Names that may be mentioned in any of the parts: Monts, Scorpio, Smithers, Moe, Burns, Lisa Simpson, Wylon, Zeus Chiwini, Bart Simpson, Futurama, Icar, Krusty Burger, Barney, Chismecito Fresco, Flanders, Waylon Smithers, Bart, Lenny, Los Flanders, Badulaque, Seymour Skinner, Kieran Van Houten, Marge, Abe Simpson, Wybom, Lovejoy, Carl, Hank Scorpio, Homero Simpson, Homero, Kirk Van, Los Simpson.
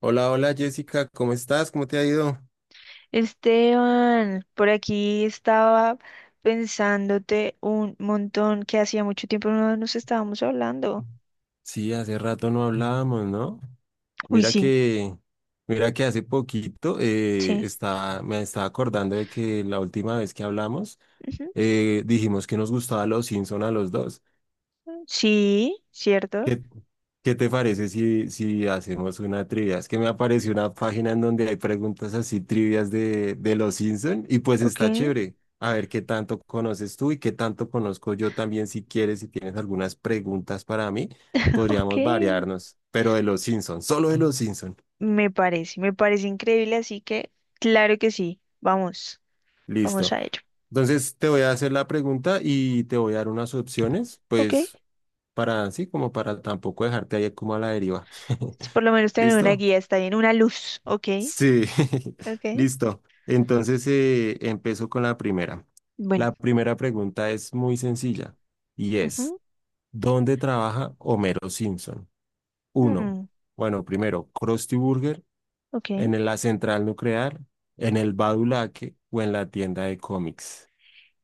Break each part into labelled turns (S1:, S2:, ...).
S1: Hola, hola Jessica, ¿cómo estás? ¿Cómo te ha ido?
S2: Esteban, por aquí estaba pensándote un montón que hacía mucho tiempo no nos estábamos hablando.
S1: Sí, hace rato no hablábamos, ¿no?
S2: Uy,
S1: Mira
S2: sí,
S1: que, mira que hace poquito
S2: sí.
S1: me estaba acordando de que la última vez que hablamos
S2: Ujú,
S1: dijimos que nos gustaba Los Simpson a los dos.
S2: mm, sí, cierto.
S1: ¿Qué, ¿qué te parece si hacemos una trivia? Es que me apareció una página en donde hay preguntas así trivias de los Simpson y pues
S2: Ok.
S1: está chévere. A ver qué tanto conoces tú y qué tanto conozco yo también. Si quieres, si tienes algunas preguntas para mí,
S2: Ok.
S1: podríamos variarnos, pero de los Simpson, solo de los Simpson.
S2: Me parece increíble, así que claro que sí. Vamos, vamos
S1: Listo.
S2: a ello.
S1: Entonces te voy a hacer la pregunta y te voy a dar unas opciones,
S2: Ok.
S1: pues para así como para tampoco dejarte ahí como a la deriva.
S2: Si por lo menos tener una
S1: ¿Listo?
S2: guía está bien, una luz. Ok,
S1: Sí,
S2: ok.
S1: listo. Entonces empiezo con la primera.
S2: Bueno.
S1: La primera pregunta es muy sencilla y es,
S2: Ujú,
S1: ¿dónde trabaja Homero Simpson? Uno,
S2: mm,
S1: bueno, primero, ¿Krusty Burger,
S2: ok.
S1: en la central nuclear, en el Badulaque o en la tienda de cómics?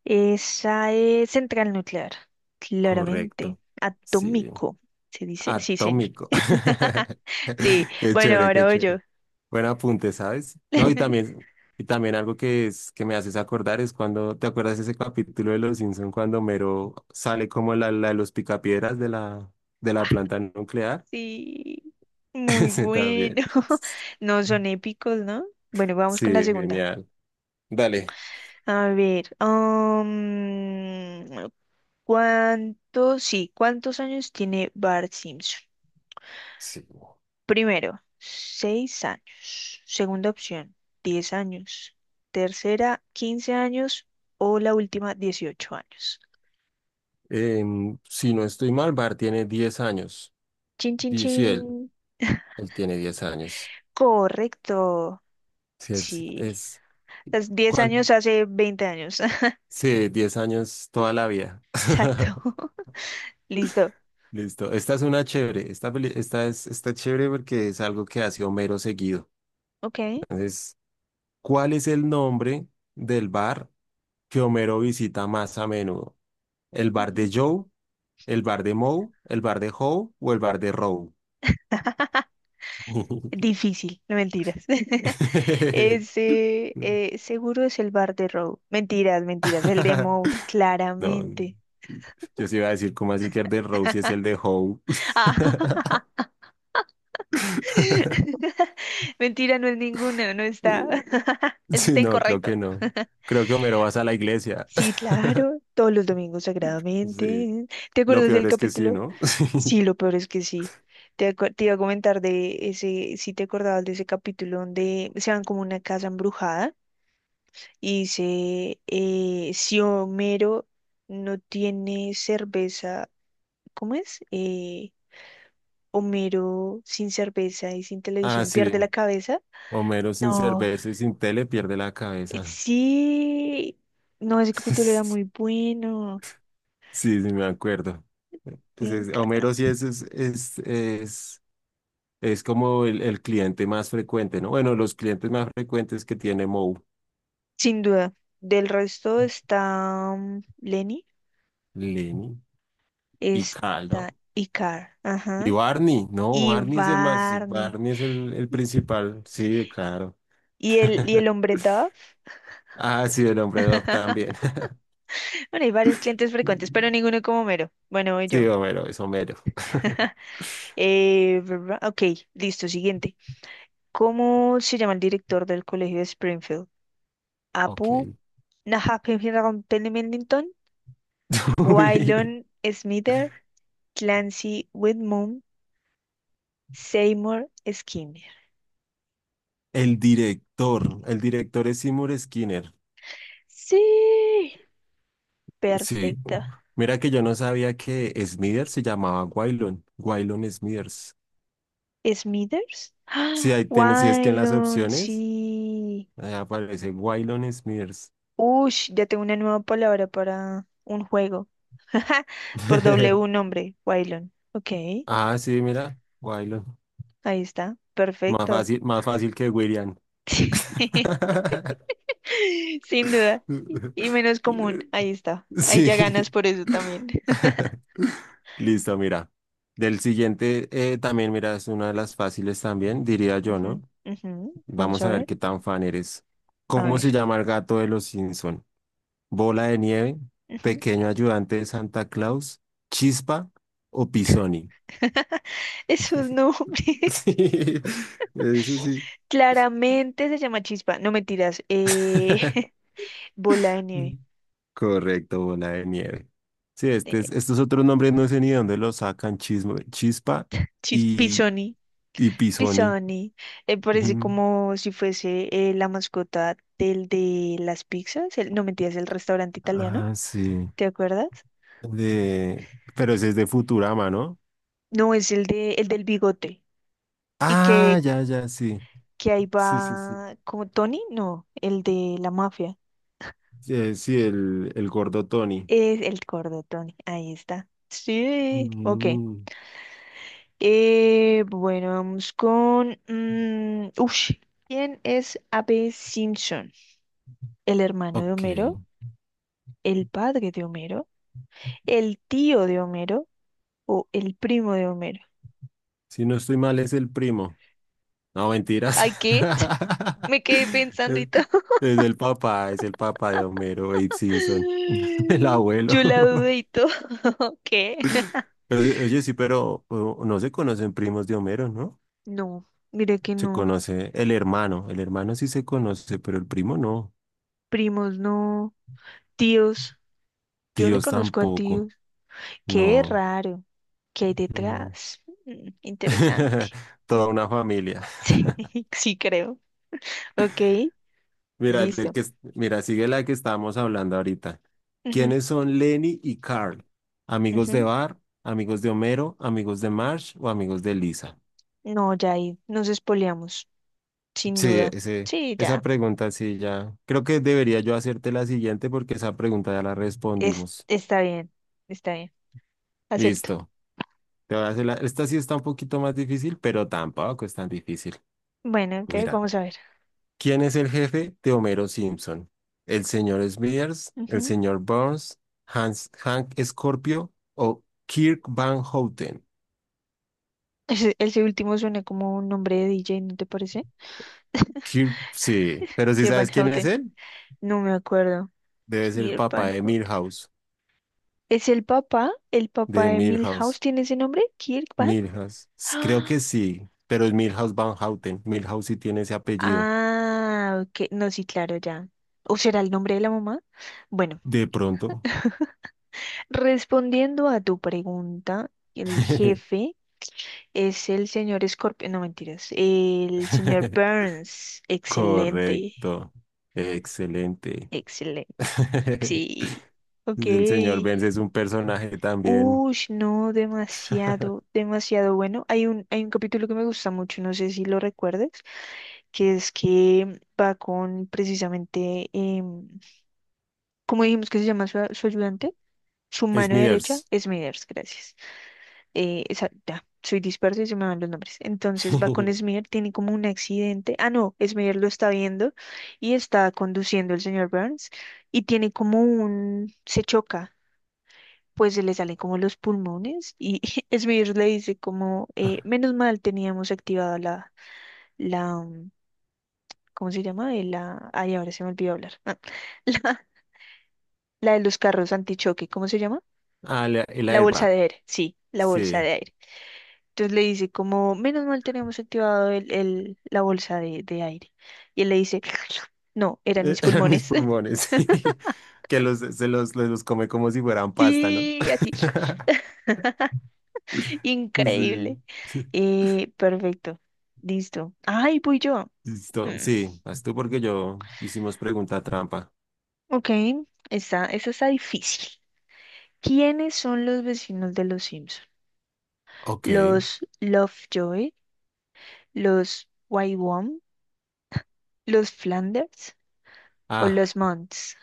S2: Esa es central nuclear, claramente.
S1: Correcto. Sí,
S2: Atómico, se dice. Sí, señor.
S1: atómico.
S2: Sí,
S1: Qué
S2: bueno,
S1: chévere,
S2: ahora
S1: qué
S2: voy yo.
S1: chévere. Buen apunte, ¿sabes? No, y también algo que es que me haces acordar es cuando, ¿te acuerdas ese capítulo de Los Simpson cuando Mero sale como la de los picapiedras de la planta nuclear?
S2: Sí, muy
S1: Ese
S2: bueno.
S1: también.
S2: No son épicos, ¿no? Bueno, vamos
S1: Sí,
S2: con la segunda.
S1: genial. Dale.
S2: A ver, sí, cuántos años tiene Bart Simpson?
S1: Sí.
S2: Primero, 6 años. Segunda opción, 10 años. Tercera, 15 años. O la última, 18 años.
S1: Si no estoy mal, Bart tiene 10 años.
S2: Chin, chin,
S1: Sí,
S2: chin.
S1: él tiene 10 años.
S2: Correcto.
S1: Sí,
S2: Sí. Las 10
S1: ¿cuán-
S2: años hace 20 años.
S1: sí, 10 años toda la vida.
S2: Exacto. Listo.
S1: Listo. Esta es una chévere. Esta está chévere porque es algo que hace Homero seguido.
S2: Ok.
S1: Entonces, ¿cuál es el nombre del bar que Homero visita más a menudo? ¿El bar
S2: Ujú.
S1: de Joe? ¿El bar de Moe? ¿El bar de Howe? ¿O el bar de Row?
S2: Difícil, no mentiras. Ese seguro es el bar de Row. Mentiras, mentiras. El demo,
S1: No,
S2: claramente.
S1: yo sí iba a decir, ¿cómo así que el de Row si es el de Howe?
S2: Ah, mentira, no es ninguna, no está. Eso
S1: Sí,
S2: está
S1: no, creo
S2: incorrecto.
S1: que no. Creo que Homero vas a la iglesia.
S2: Sí, claro, todos los domingos
S1: Sí.
S2: sagradamente. ¿Te
S1: Lo
S2: acuerdas del
S1: peor es que sí,
S2: capítulo?
S1: ¿no?
S2: Sí, lo peor es que sí. Te iba a comentar de ese, si te acordabas de ese capítulo donde se van como a una casa embrujada y dice, si Homero no tiene cerveza, ¿cómo es? Homero sin cerveza y sin
S1: Ah,
S2: televisión
S1: sí.
S2: pierde la cabeza.
S1: Homero sin
S2: No,
S1: cerveza y sin tele pierde la cabeza.
S2: sí, no, ese capítulo era muy bueno.
S1: Sí, sí, me acuerdo.
S2: me
S1: Pues
S2: enca-
S1: Homero sí es es como el cliente más frecuente, ¿no? Bueno, los clientes más frecuentes que tiene Moe,
S2: Sin duda. Del resto está Lenny,
S1: Lenny y Carl, ¿no?
S2: está Icar,
S1: Y
S2: ajá,
S1: Barney, ¿no?
S2: y
S1: Barney es el más,
S2: Barney.
S1: Barney es el principal. Sí, claro.
S2: Y el hombre Dove.
S1: Ah, sí, el hombre Dog también.
S2: Bueno, hay varios clientes frecuentes, pero ninguno como Mero. Bueno, voy
S1: Sí,
S2: yo.
S1: Homero, es Homero.
S2: ¿Verdad? Ok, listo, siguiente. ¿Cómo se llama el director del colegio de Springfield?
S1: Ok.
S2: ¿Apu? نحقق تيلي ميلينغتون وايلون
S1: Uy.
S2: سميثر Clancy Whitmore Seymour Skinner.
S1: El director es Seymour Skinner.
S2: Sí,
S1: Sí,
S2: perfecto.
S1: mira que yo no sabía que Smithers se llamaba Waylon, Waylon Smithers.
S2: Smithers.
S1: Sí,
S2: ¡Ah!
S1: ahí tienes, si es que en las
S2: Wylon,
S1: opciones
S2: sí.
S1: ahí aparece Waylon Smithers.
S2: Ush, ya tengo una nueva palabra para un juego. Por doble un nombre, Wylon. Ok, ahí
S1: Ah, sí, mira, Waylon.
S2: está. Perfecto.
S1: Más fácil que William.
S2: Sin duda. Y menos común. Ahí está. Ahí
S1: Sí.
S2: ya ganas por eso también.
S1: Listo, mira. Del siguiente, también, mira, es una de las fáciles también, diría yo,
S2: Ujú,
S1: ¿no?
S2: ujú. Vamos
S1: Vamos
S2: a
S1: a ver
S2: ver.
S1: qué tan fan eres.
S2: A
S1: ¿Cómo se
S2: ver.
S1: llama el gato de los Simpson? ¿Bola de nieve?
S2: Ujú.
S1: ¿Pequeño ayudante de Santa Claus? ¿Chispa o Pisoni?
S2: Es un nombre.
S1: Sí, eso ¿no? Sí.
S2: Claramente se llama chispa. No mentiras. Bola de nieve.
S1: Correcto, bola de nieve. Sí,
S2: Eh,
S1: estos otros nombres no sé ni de dónde los sacan, Chispa
S2: chis-
S1: y,
S2: pisoni.
S1: y Pisoni.
S2: Pisoni. Parece
S1: Ujú.
S2: como si fuese la mascota del de las pizzas. No mentiras, el restaurante italiano.
S1: Ah, sí.
S2: ¿Te acuerdas?
S1: De... Pero ese es de Futurama, ¿no?
S2: No, es el de el del bigote. Y
S1: Ah,
S2: que,
S1: ya, ya, sí.
S2: que ahí
S1: Sí, sí, sí.
S2: va como Tony. No, el de la mafia.
S1: Sí, el gordo Tony.
S2: Es el cordotón, ahí está. Sí, ok.
S1: Mm,
S2: Bueno, vamos con... mm, ush. ¿Quién es Abe Simpson? ¿El hermano de
S1: ok.
S2: Homero? ¿El padre de Homero? ¿El tío de Homero? ¿O el primo de Homero?
S1: Si no estoy mal, es el primo. No, mentiras.
S2: Ay, ¿qué? Me quedé pensando
S1: Es
S2: y todo.
S1: es el papá, es el papá de Homero, Abe Simpson, el abuelo.
S2: Yo la dudé y todo. ¿Qué?
S1: Oye, oye, sí, pero no se conocen primos de Homero, ¿no?
S2: No, mire que
S1: Se
S2: no.
S1: conoce el hermano sí se conoce, pero el primo no.
S2: Primos no. Tíos. Yo le
S1: Tíos
S2: conozco a tíos.
S1: tampoco,
S2: Qué
S1: no.
S2: raro. ¿Qué hay
S1: Mm.
S2: detrás? Mm, interesante.
S1: Toda una familia.
S2: Sí, sí creo. Ok,
S1: Mira,
S2: listo.
S1: mira, sigue la que estábamos hablando ahorita.
S2: Ujú,
S1: ¿Quiénes son Lenny y Carl? ¿Amigos de
S2: ujú.
S1: Bar, amigos de Homero, amigos de Marge o amigos de Lisa?
S2: No, ya ahí nos espoleamos, sin
S1: Sí,
S2: duda.
S1: ese,
S2: Sí,
S1: esa
S2: ya.
S1: pregunta sí ya. Creo que debería yo hacerte la siguiente porque esa pregunta ya la
S2: Es,
S1: respondimos.
S2: está bien, está bien. Acepto.
S1: Listo. Te voy a hacer la- Esta sí está un poquito más difícil, pero tampoco es tan difícil.
S2: Bueno, ok,
S1: Mira.
S2: vamos a ver.
S1: ¿Quién es el jefe de Homero Simpson? ¿El señor Smithers, el
S2: Ujú.
S1: señor Burns, Hans, Hank Scorpio o Kirk Van Houten?
S2: Ese último suena como un nombre de DJ, ¿no te parece?
S1: Kirk, sí, pero si
S2: Kieran Van
S1: sabes quién es
S2: Houten.
S1: él,
S2: No me acuerdo.
S1: debe ser el
S2: Kieran
S1: papá
S2: Van
S1: de
S2: Houten.
S1: Milhouse,
S2: ¿Es el papá? ¿El papá
S1: de
S2: de
S1: Milhouse,
S2: Milhouse tiene ese nombre? ¿Kirk Van?
S1: Milhouse. Creo que sí, pero es Milhouse Van Houten. Milhouse sí tiene ese apellido.
S2: Ah, ok. No, sí, claro, ya. ¿O será el nombre de la mamá? Bueno,
S1: De pronto.
S2: respondiendo a tu pregunta, el jefe es el señor Scorpio, no mentiras, el señor Burns. Excelente,
S1: Correcto. Excelente.
S2: excelente. Sí, ok.
S1: El señor Burns es un personaje también.
S2: Ush, no, demasiado, demasiado bueno. Hay un capítulo que me gusta mucho, no sé si lo recuerdes, que es que va con precisamente, ¿cómo dijimos que se llama su ayudante? Su mano derecha,
S1: Smithers.
S2: Smithers, gracias. Ya, soy disperso y se me van los nombres. Entonces va con Smithers, tiene como un accidente. Ah, no, Smithers lo está viendo y está conduciendo el señor Burns y tiene como un. Se choca, pues se le salen como los pulmones y Smithers le dice como, menos mal teníamos activada la, ¿cómo se llama? Ay, ahora se me olvidó hablar. La, la de los carros antichoque, ¿cómo se llama?
S1: Ah, el
S2: La bolsa
S1: airbag.
S2: de aire, sí, la bolsa
S1: Sí.
S2: de aire. Entonces le dice como, menos mal tenemos activado la bolsa de aire. Y él le dice, no, eran
S1: Eh,
S2: mis
S1: Mis
S2: pulmones.
S1: pulmones. Sí. Que los, se los come como si fueran pasta, ¿no?
S2: Sí, así, increíble.
S1: Sí.
S2: Perfecto, listo. Ay, voy yo.
S1: Listo.
S2: Mm,
S1: Sí, vas tú porque yo hicimos pregunta trampa.
S2: ok, esa está difícil. ¿Quiénes son los vecinos de los Simpson?
S1: Ok.
S2: ¿Los Lovejoy? ¿Los Wybom? ¿Los Flanders? ¿O
S1: Ah.
S2: los Monts?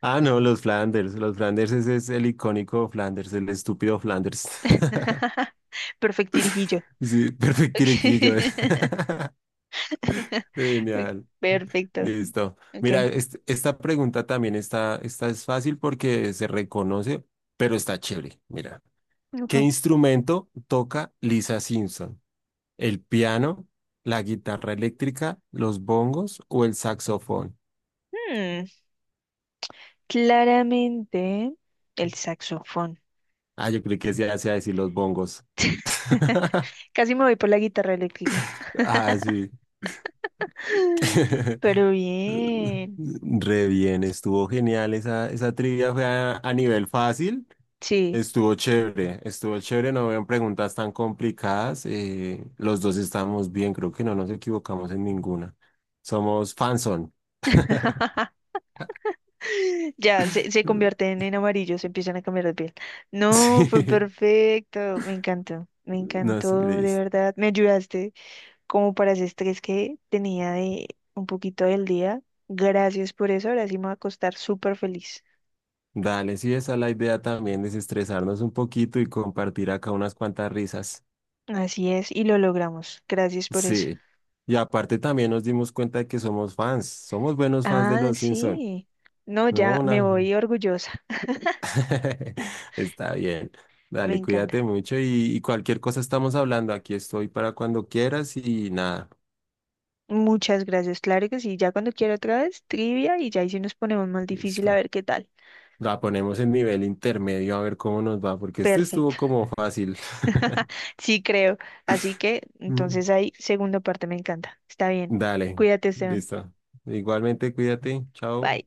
S1: Ah, no, los Flanders. Los Flanders, ese es el icónico Flanders, el estúpido Flanders.
S2: Perfectirijillo.
S1: Sí,
S2: Ok.
S1: perfectirequillo.
S2: Uy,
S1: Genial.
S2: perfecto.
S1: Listo.
S2: Ok.
S1: Mira, esta pregunta también está, esta es fácil porque se reconoce, pero está chévere. Mira, ¿qué
S2: Ujú.
S1: instrumento toca Lisa Simpson? ¿El piano, la guitarra eléctrica, los bongos o el saxofón?
S2: Hmm, Claramente el saxofón.
S1: Ah, yo creo que se hace a decir los bongos.
S2: Casi me voy por la guitarra eléctrica.
S1: Ah, sí.
S2: Pero bien.
S1: Re bien, estuvo genial. Esa trivia fue a nivel fácil.
S2: Sí.
S1: Estuvo chévere, no habían preguntas tan complicadas. Los dos estamos bien, creo que no nos equivocamos en ninguna. Somos fanson.
S2: Ya, se convierten en amarillos, se empiezan a cambiar de piel. No, fue
S1: Sí,
S2: perfecto. Me encantó. Me
S1: no sé,
S2: encantó, de
S1: Liz.
S2: verdad. Me ayudaste como para ese estrés que tenía de un poquito del día. Gracias por eso. Ahora sí me voy a acostar súper feliz.
S1: Dale, sí, esa es la idea también, desestresarnos un poquito y compartir acá unas cuantas risas.
S2: Así es, y lo logramos. Gracias por eso.
S1: Sí. Y aparte también nos dimos cuenta de que somos fans, somos buenos fans de
S2: Ah,
S1: los Simpson,
S2: sí. No,
S1: ¿no?
S2: ya me
S1: Una,
S2: voy orgullosa.
S1: está bien.
S2: Me
S1: Dale,
S2: encanta.
S1: cuídate mucho y cualquier cosa estamos hablando. Aquí estoy para cuando quieras y nada,
S2: Muchas gracias. Claro que sí. Ya cuando quiera otra vez, trivia y ya ahí sí nos ponemos más difícil a
S1: listo.
S2: ver qué tal.
S1: La ponemos en nivel intermedio a ver cómo nos va, porque este
S2: Perfecto.
S1: estuvo como fácil.
S2: Sí, creo. Así que
S1: Mm.
S2: entonces ahí, segunda parte, me encanta. Está bien.
S1: Dale,
S2: Cuídate, Esteban.
S1: listo. Igualmente, cuídate. Chao.
S2: Bye.